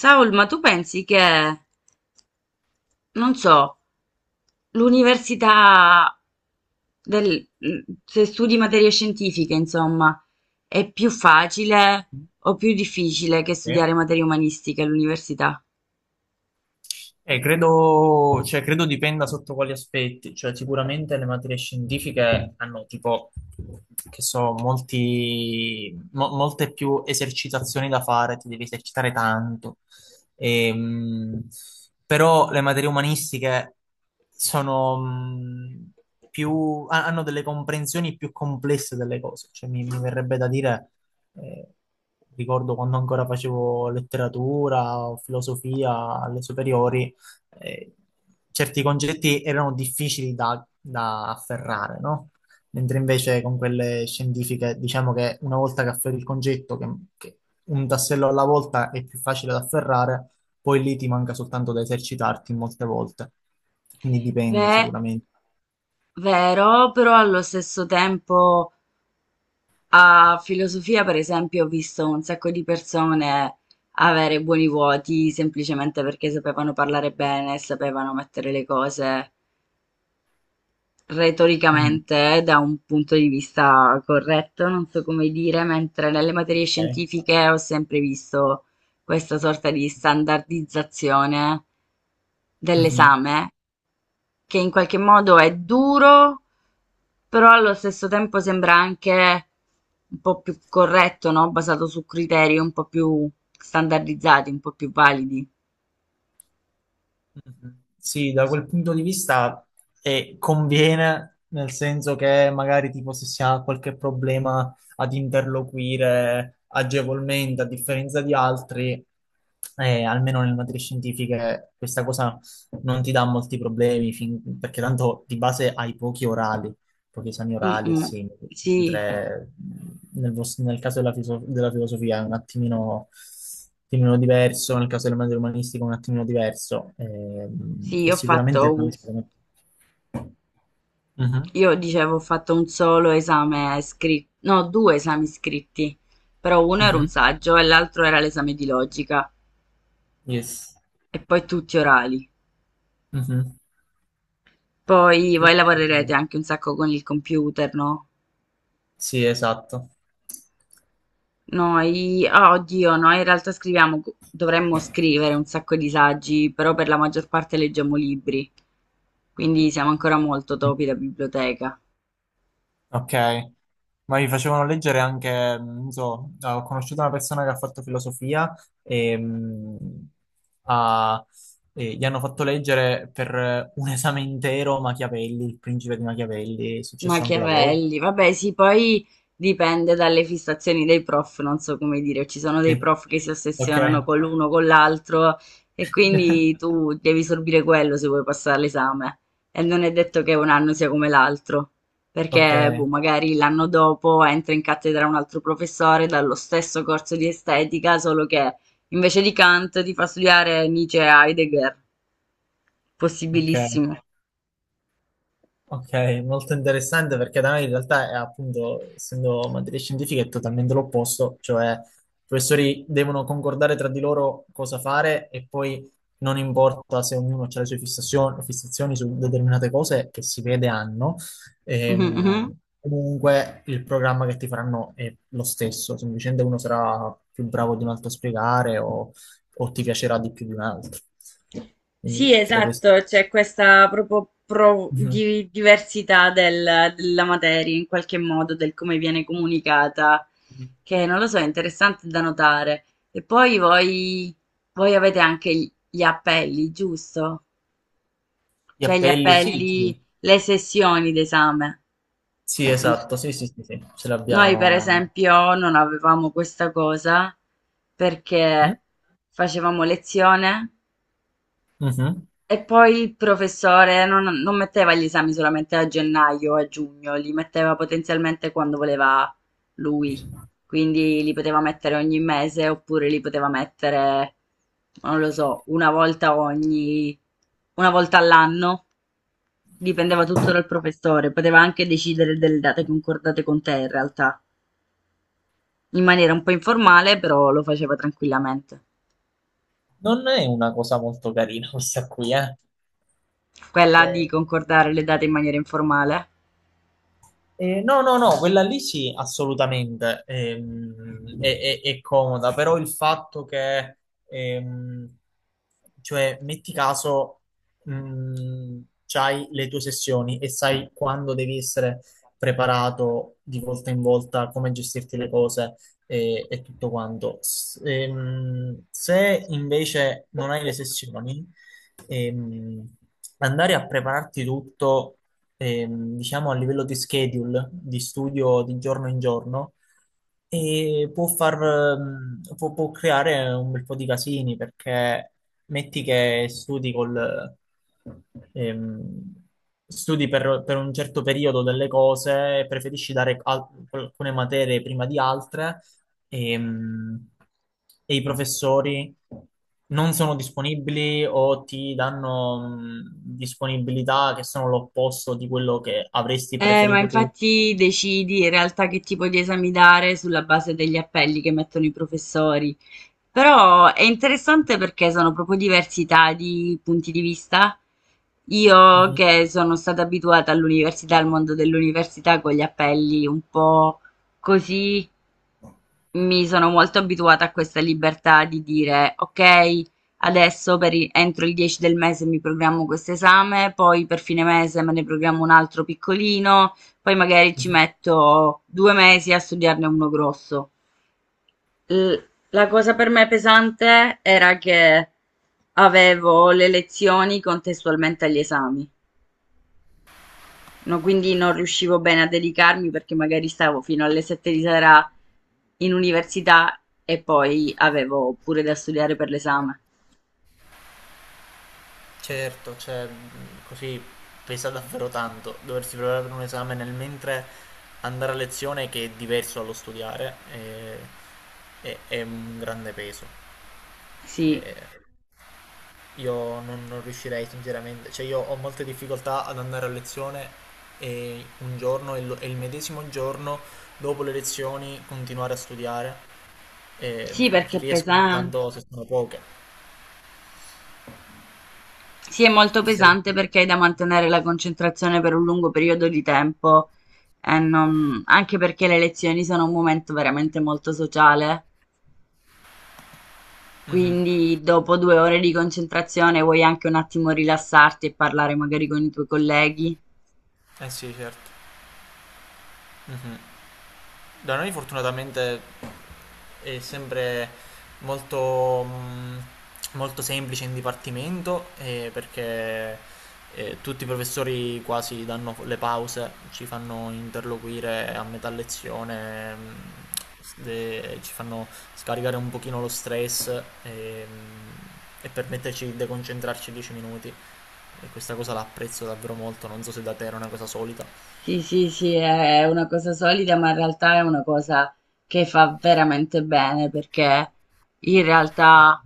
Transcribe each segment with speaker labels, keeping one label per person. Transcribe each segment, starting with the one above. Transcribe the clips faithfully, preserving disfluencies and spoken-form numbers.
Speaker 1: Saul, ma tu pensi che, non so, l'università del, se studi materie scientifiche, insomma, è più facile o più difficile che
Speaker 2: Sì.
Speaker 1: studiare materie umanistiche all'università?
Speaker 2: Eh, credo, cioè, credo dipenda sotto quali aspetti. Cioè sicuramente le materie scientifiche hanno tipo, che so, molti, mo- molte più esercitazioni da fare, ti devi esercitare tanto. Ehm, Però le materie umanistiche sono mh, più, ha- hanno delle comprensioni più complesse delle cose, cioè mi, mi verrebbe da dire, eh, ricordo quando ancora facevo letteratura o filosofia alle superiori. eh, Certi concetti erano difficili da, da afferrare, no? Mentre invece con quelle scientifiche diciamo che una volta che afferri il concetto, che, che un tassello alla volta è più facile da afferrare, poi lì ti manca soltanto da esercitarti molte volte. Quindi dipende
Speaker 1: Beh,
Speaker 2: sicuramente.
Speaker 1: vero, però allo stesso tempo a filosofia, per esempio, ho visto un sacco di persone avere buoni voti semplicemente perché sapevano parlare bene, sapevano mettere le cose
Speaker 2: Mm.
Speaker 1: retoricamente, eh, da un punto di vista corretto, non so come dire, mentre nelle materie
Speaker 2: Ok.
Speaker 1: scientifiche ho sempre visto questa sorta di standardizzazione
Speaker 2: Mhm.
Speaker 1: dell'esame, che in qualche modo è duro, però allo stesso tempo sembra anche un po' più corretto, no? Basato su criteri un po' più standardizzati, un po' più validi.
Speaker 2: Mhm. Sì, da quel punto di vista eh, conviene, nel senso che magari tipo se si ha qualche problema ad interloquire agevolmente, a differenza di altri, eh, almeno nelle materie scientifiche questa cosa non ti dà molti problemi, fin- perché tanto di base hai pochi orali pochi esami
Speaker 1: Mm,
Speaker 2: orali e
Speaker 1: mm.
Speaker 2: simili.
Speaker 1: Sì,
Speaker 2: Mentre nel, vos- nel caso della, filoso- della filosofia è un attimino, un attimino diverso, nel caso delle materie umanistiche è un attimino diverso. Ehm,
Speaker 1: sì,
Speaker 2: e
Speaker 1: ho
Speaker 2: sicuramente
Speaker 1: fatto un...
Speaker 2: riesce come... Mhm,
Speaker 1: io dicevo, ho fatto un solo esame scritto, no, due esami scritti, però uno era un
Speaker 2: mhm,
Speaker 1: saggio e l'altro era l'esame di logica
Speaker 2: Yes.
Speaker 1: e poi tutti orali.
Speaker 2: Mhm.
Speaker 1: Poi voi
Speaker 2: Tutto
Speaker 1: lavorerete
Speaker 2: uguale.
Speaker 1: anche un sacco con il computer, no?
Speaker 2: Sì, esatto.
Speaker 1: Noi, ah, oddio, noi in realtà scriviamo, dovremmo scrivere un sacco di saggi, però per la maggior parte leggiamo libri, quindi siamo ancora molto topi da biblioteca.
Speaker 2: Ok, ma mi facevano leggere anche, mm, non so, ho conosciuto una persona che ha fatto filosofia e, mm, ha- e gli hanno fatto leggere per un esame intero Machiavelli, il principe di Machiavelli. È successo anche da voi?
Speaker 1: Machiavelli, vabbè, sì, poi dipende dalle fissazioni dei prof, non so come dire, ci sono dei
Speaker 2: Sì.
Speaker 1: prof che si
Speaker 2: Ok,
Speaker 1: ossessionano con l'uno, con l'altro e quindi tu devi sorbire quello se vuoi passare l'esame e non è detto che un anno sia come l'altro,
Speaker 2: ok,
Speaker 1: perché boh, magari l'anno dopo entra in cattedra un altro professore dallo stesso corso di estetica, solo che invece di Kant ti fa studiare Nietzsche e Heidegger,
Speaker 2: ok.
Speaker 1: possibilissimo.
Speaker 2: Ok, molto interessante perché da noi in realtà è appunto, essendo materie scientifiche, è totalmente l'opposto, cioè i professori devono concordare tra di loro cosa fare e poi non importa se ognuno ha le sue fissazioni, fissazioni su determinate cose che si vede hanno. Ehm, comunque il programma che ti faranno è lo stesso, semplicemente uno sarà più bravo di un altro a spiegare o, o ti piacerà di più di un altro.
Speaker 1: Sì,
Speaker 2: Quindi pure questo.
Speaker 1: esatto, c'è questa proprio pro- di- diversità del- della materia in qualche modo, del come viene comunicata,
Speaker 2: Mhm.
Speaker 1: che non lo so, è interessante da notare. E poi voi, voi avete anche gli gli appelli, giusto?
Speaker 2: Gli
Speaker 1: Cioè gli
Speaker 2: appelli, sì, sì,
Speaker 1: appelli, le sessioni d'esame.
Speaker 2: sì,
Speaker 1: Non so.
Speaker 2: esatto, sì, sì, sì, sì, ce
Speaker 1: Noi per
Speaker 2: l'abbiamo.
Speaker 1: esempio non avevamo questa cosa
Speaker 2: Mm?
Speaker 1: perché facevamo lezione,
Speaker 2: Mhm.
Speaker 1: e poi il professore non, non metteva gli esami solamente a gennaio o a giugno, li metteva potenzialmente quando voleva lui. Quindi li poteva mettere ogni mese oppure li poteva mettere, non lo so, una volta ogni, una volta all'anno. Dipendeva tutto dal professore, poteva anche decidere delle date concordate con te in realtà, in maniera un po' informale, però lo faceva tranquillamente.
Speaker 2: Non è una cosa molto carina questa qui, eh?
Speaker 1: Quella di
Speaker 2: Cioè,
Speaker 1: concordare le date in maniera informale.
Speaker 2: eh, no, no, no, quella lì sì, assolutamente. Ehm, è, è- è comoda, però il fatto che, ehm, cioè, metti caso, mh, c'hai le tue sessioni e sai quando devi essere preparato di volta in volta, come gestirti le cose e, e tutto quanto. S- ehm, se invece non hai le sessioni, ehm, andare a prepararti tutto, ehm, diciamo a livello di schedule, di studio di giorno in giorno, e può far, ehm, può, può creare un bel po' di casini perché metti che studi col, ehm, studi per, per un certo periodo delle cose e preferisci dare al- alcune materie prima di altre e, mm, e i professori non sono disponibili o ti danno mh, disponibilità che sono l'opposto di quello che avresti
Speaker 1: Eh, ma
Speaker 2: preferito tu.
Speaker 1: infatti decidi in realtà che tipo di esami dare sulla base degli appelli che mettono i professori. Però è interessante perché sono proprio diversità di punti di vista. Io
Speaker 2: Mhm,
Speaker 1: che sono stata abituata all'università, al mondo dell'università con gli appelli un po' così, mi sono molto abituata a questa libertà di dire, ok, adesso per i- entro il dieci del mese mi programmo questo esame, poi per fine mese me ne programmo un altro piccolino, poi magari ci
Speaker 2: mhm.
Speaker 1: metto due mesi a studiarne uno grosso. L- la cosa per me pesante era che avevo le lezioni contestualmente agli esami. No, quindi non riuscivo bene a dedicarmi perché magari stavo fino alle sette di sera in università e poi avevo pure da studiare per l'esame.
Speaker 2: Certo, cioè, mh, così pesa davvero tanto doversi preparare per un esame nel mentre andare a lezione, che è diverso dallo studiare. È, è- è un grande peso.
Speaker 1: Sì,
Speaker 2: Eh, Io non, non riuscirei sinceramente, cioè io ho molte difficoltà ad andare a lezione e un giorno e lo- e il medesimo giorno dopo le lezioni continuare a studiare, e
Speaker 1: sì, perché è
Speaker 2: riesco
Speaker 1: pesante.
Speaker 2: soltanto se sono poche.
Speaker 1: Sì, è molto
Speaker 2: Chi sei?
Speaker 1: pesante perché hai da mantenere la concentrazione per un lungo periodo di tempo e non- anche perché le lezioni sono un momento veramente molto sociale.
Speaker 2: Mhm.
Speaker 1: Quindi dopo due ore di concentrazione vuoi anche un attimo rilassarti e parlare magari con i tuoi colleghi.
Speaker 2: Eh sì, certo. Mhm. Da noi fortunatamente è sempre molto, mh, molto semplice in dipartimento, eh, perché eh, tutti i professori quasi danno le pause, ci fanno interloquire a metà lezione, mh, s- de- ci fanno scaricare un pochino lo stress e, mh, e permetterci di deconcentrarci dieci minuti. E questa cosa la apprezzo davvero molto, non so se da te era una cosa solita.
Speaker 1: Sì, sì, sì, è una cosa solida, ma in realtà è una cosa che fa veramente bene perché in realtà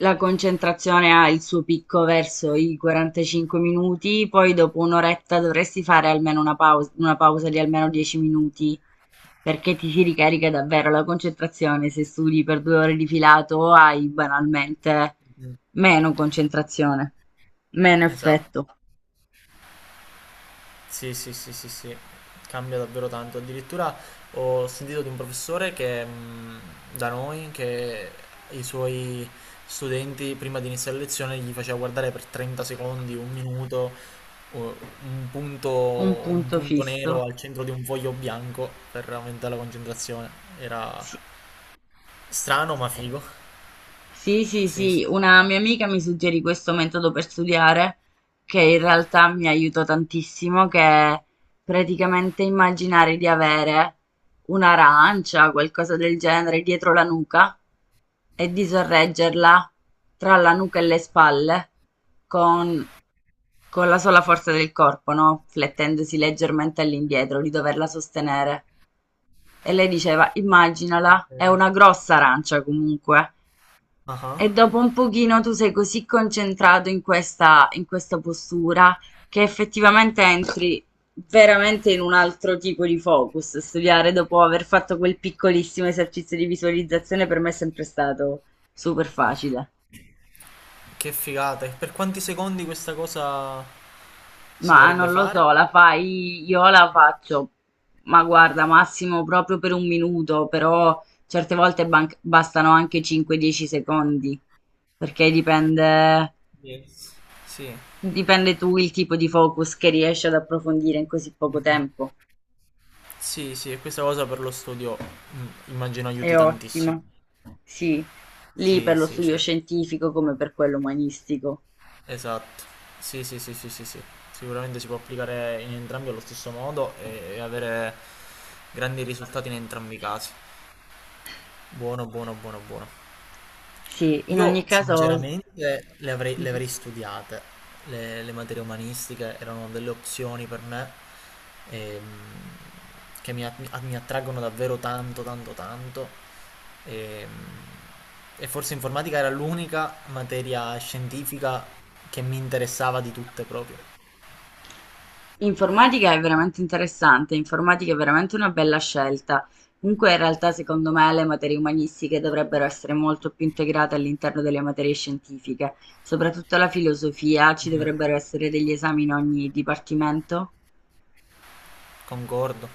Speaker 1: la concentrazione ha il suo picco verso i quarantacinque minuti, poi dopo un'oretta dovresti fare almeno una pausa, una pausa di almeno dieci minuti perché ti si ricarica davvero la concentrazione. Se studi per due ore di filato hai banalmente
Speaker 2: Mm.
Speaker 1: meno concentrazione, meno
Speaker 2: Esatto.
Speaker 1: effetto,
Speaker 2: Sì, sì, sì, sì, sì, cambia davvero tanto. Addirittura ho sentito di un professore che mh, da noi, che i suoi studenti prima di iniziare la lezione gli faceva guardare per trenta secondi, un minuto, o- un punto,
Speaker 1: un
Speaker 2: un
Speaker 1: punto
Speaker 2: punto nero
Speaker 1: fisso.
Speaker 2: al centro di un foglio bianco per aumentare la concentrazione.
Speaker 1: Sì.
Speaker 2: Era strano ma figo.
Speaker 1: Sì, sì,
Speaker 2: Sì, sì.
Speaker 1: sì, una mia amica mi suggerì questo metodo per studiare che in realtà mi aiutò tantissimo, che è praticamente immaginare di avere un'arancia, qualcosa del genere, dietro la nuca e di sorreggerla tra la nuca e le spalle con, con la sola forza del corpo, no? Flettendosi leggermente all'indietro, di doverla sostenere. E lei diceva, immaginala, è
Speaker 2: Eh,
Speaker 1: una grossa arancia comunque.
Speaker 2: ah ah.
Speaker 1: E dopo un pochino tu sei così concentrato in questa, in questa postura che effettivamente entri veramente in un altro tipo di focus. Studiare dopo aver fatto quel piccolissimo esercizio di visualizzazione per me è sempre stato super facile.
Speaker 2: Che figata. E per quanti secondi questa cosa si
Speaker 1: Ma
Speaker 2: dovrebbe
Speaker 1: non lo
Speaker 2: fare?
Speaker 1: so, la fai, io la faccio, ma guarda, massimo proprio per un minuto, però certe volte ban- bastano anche cinque dieci secondi, perché dipende
Speaker 2: Yes. Sì.
Speaker 1: Dipende Tu il tipo di focus che riesci ad approfondire in così poco
Speaker 2: Mhm.
Speaker 1: tempo.
Speaker 2: Sì, sì, e questa cosa per lo studio, mm, immagino
Speaker 1: È
Speaker 2: aiuti tantissimo.
Speaker 1: ottimo. Sì, lì per
Speaker 2: Sì,
Speaker 1: lo
Speaker 2: sì,
Speaker 1: studio
Speaker 2: certo.
Speaker 1: scientifico come per quello umanistico.
Speaker 2: Esatto. Sì, sì, sì, sì, sì, sì. Sicuramente si può applicare in entrambi allo stesso modo e e avere grandi risultati in entrambi i casi. Buono, buono, buono, buono.
Speaker 1: Sì, in ogni
Speaker 2: Io
Speaker 1: caso,
Speaker 2: sinceramente le avrei, le
Speaker 1: Mhm.
Speaker 2: avrei studiate, le, le materie umanistiche erano delle opzioni per me, ehm, che mi, att- mi attraggono davvero tanto, tanto, tanto. ehm, e forse informatica era l'unica materia scientifica che mi interessava di tutte proprio.
Speaker 1: informatica è veramente interessante, informatica è veramente una bella scelta. Comunque, in realtà, secondo me, le materie umanistiche dovrebbero essere molto più integrate all'interno delle materie scientifiche, soprattutto la filosofia, ci
Speaker 2: Mhm.
Speaker 1: dovrebbero essere degli esami in ogni dipartimento.
Speaker 2: Concordo.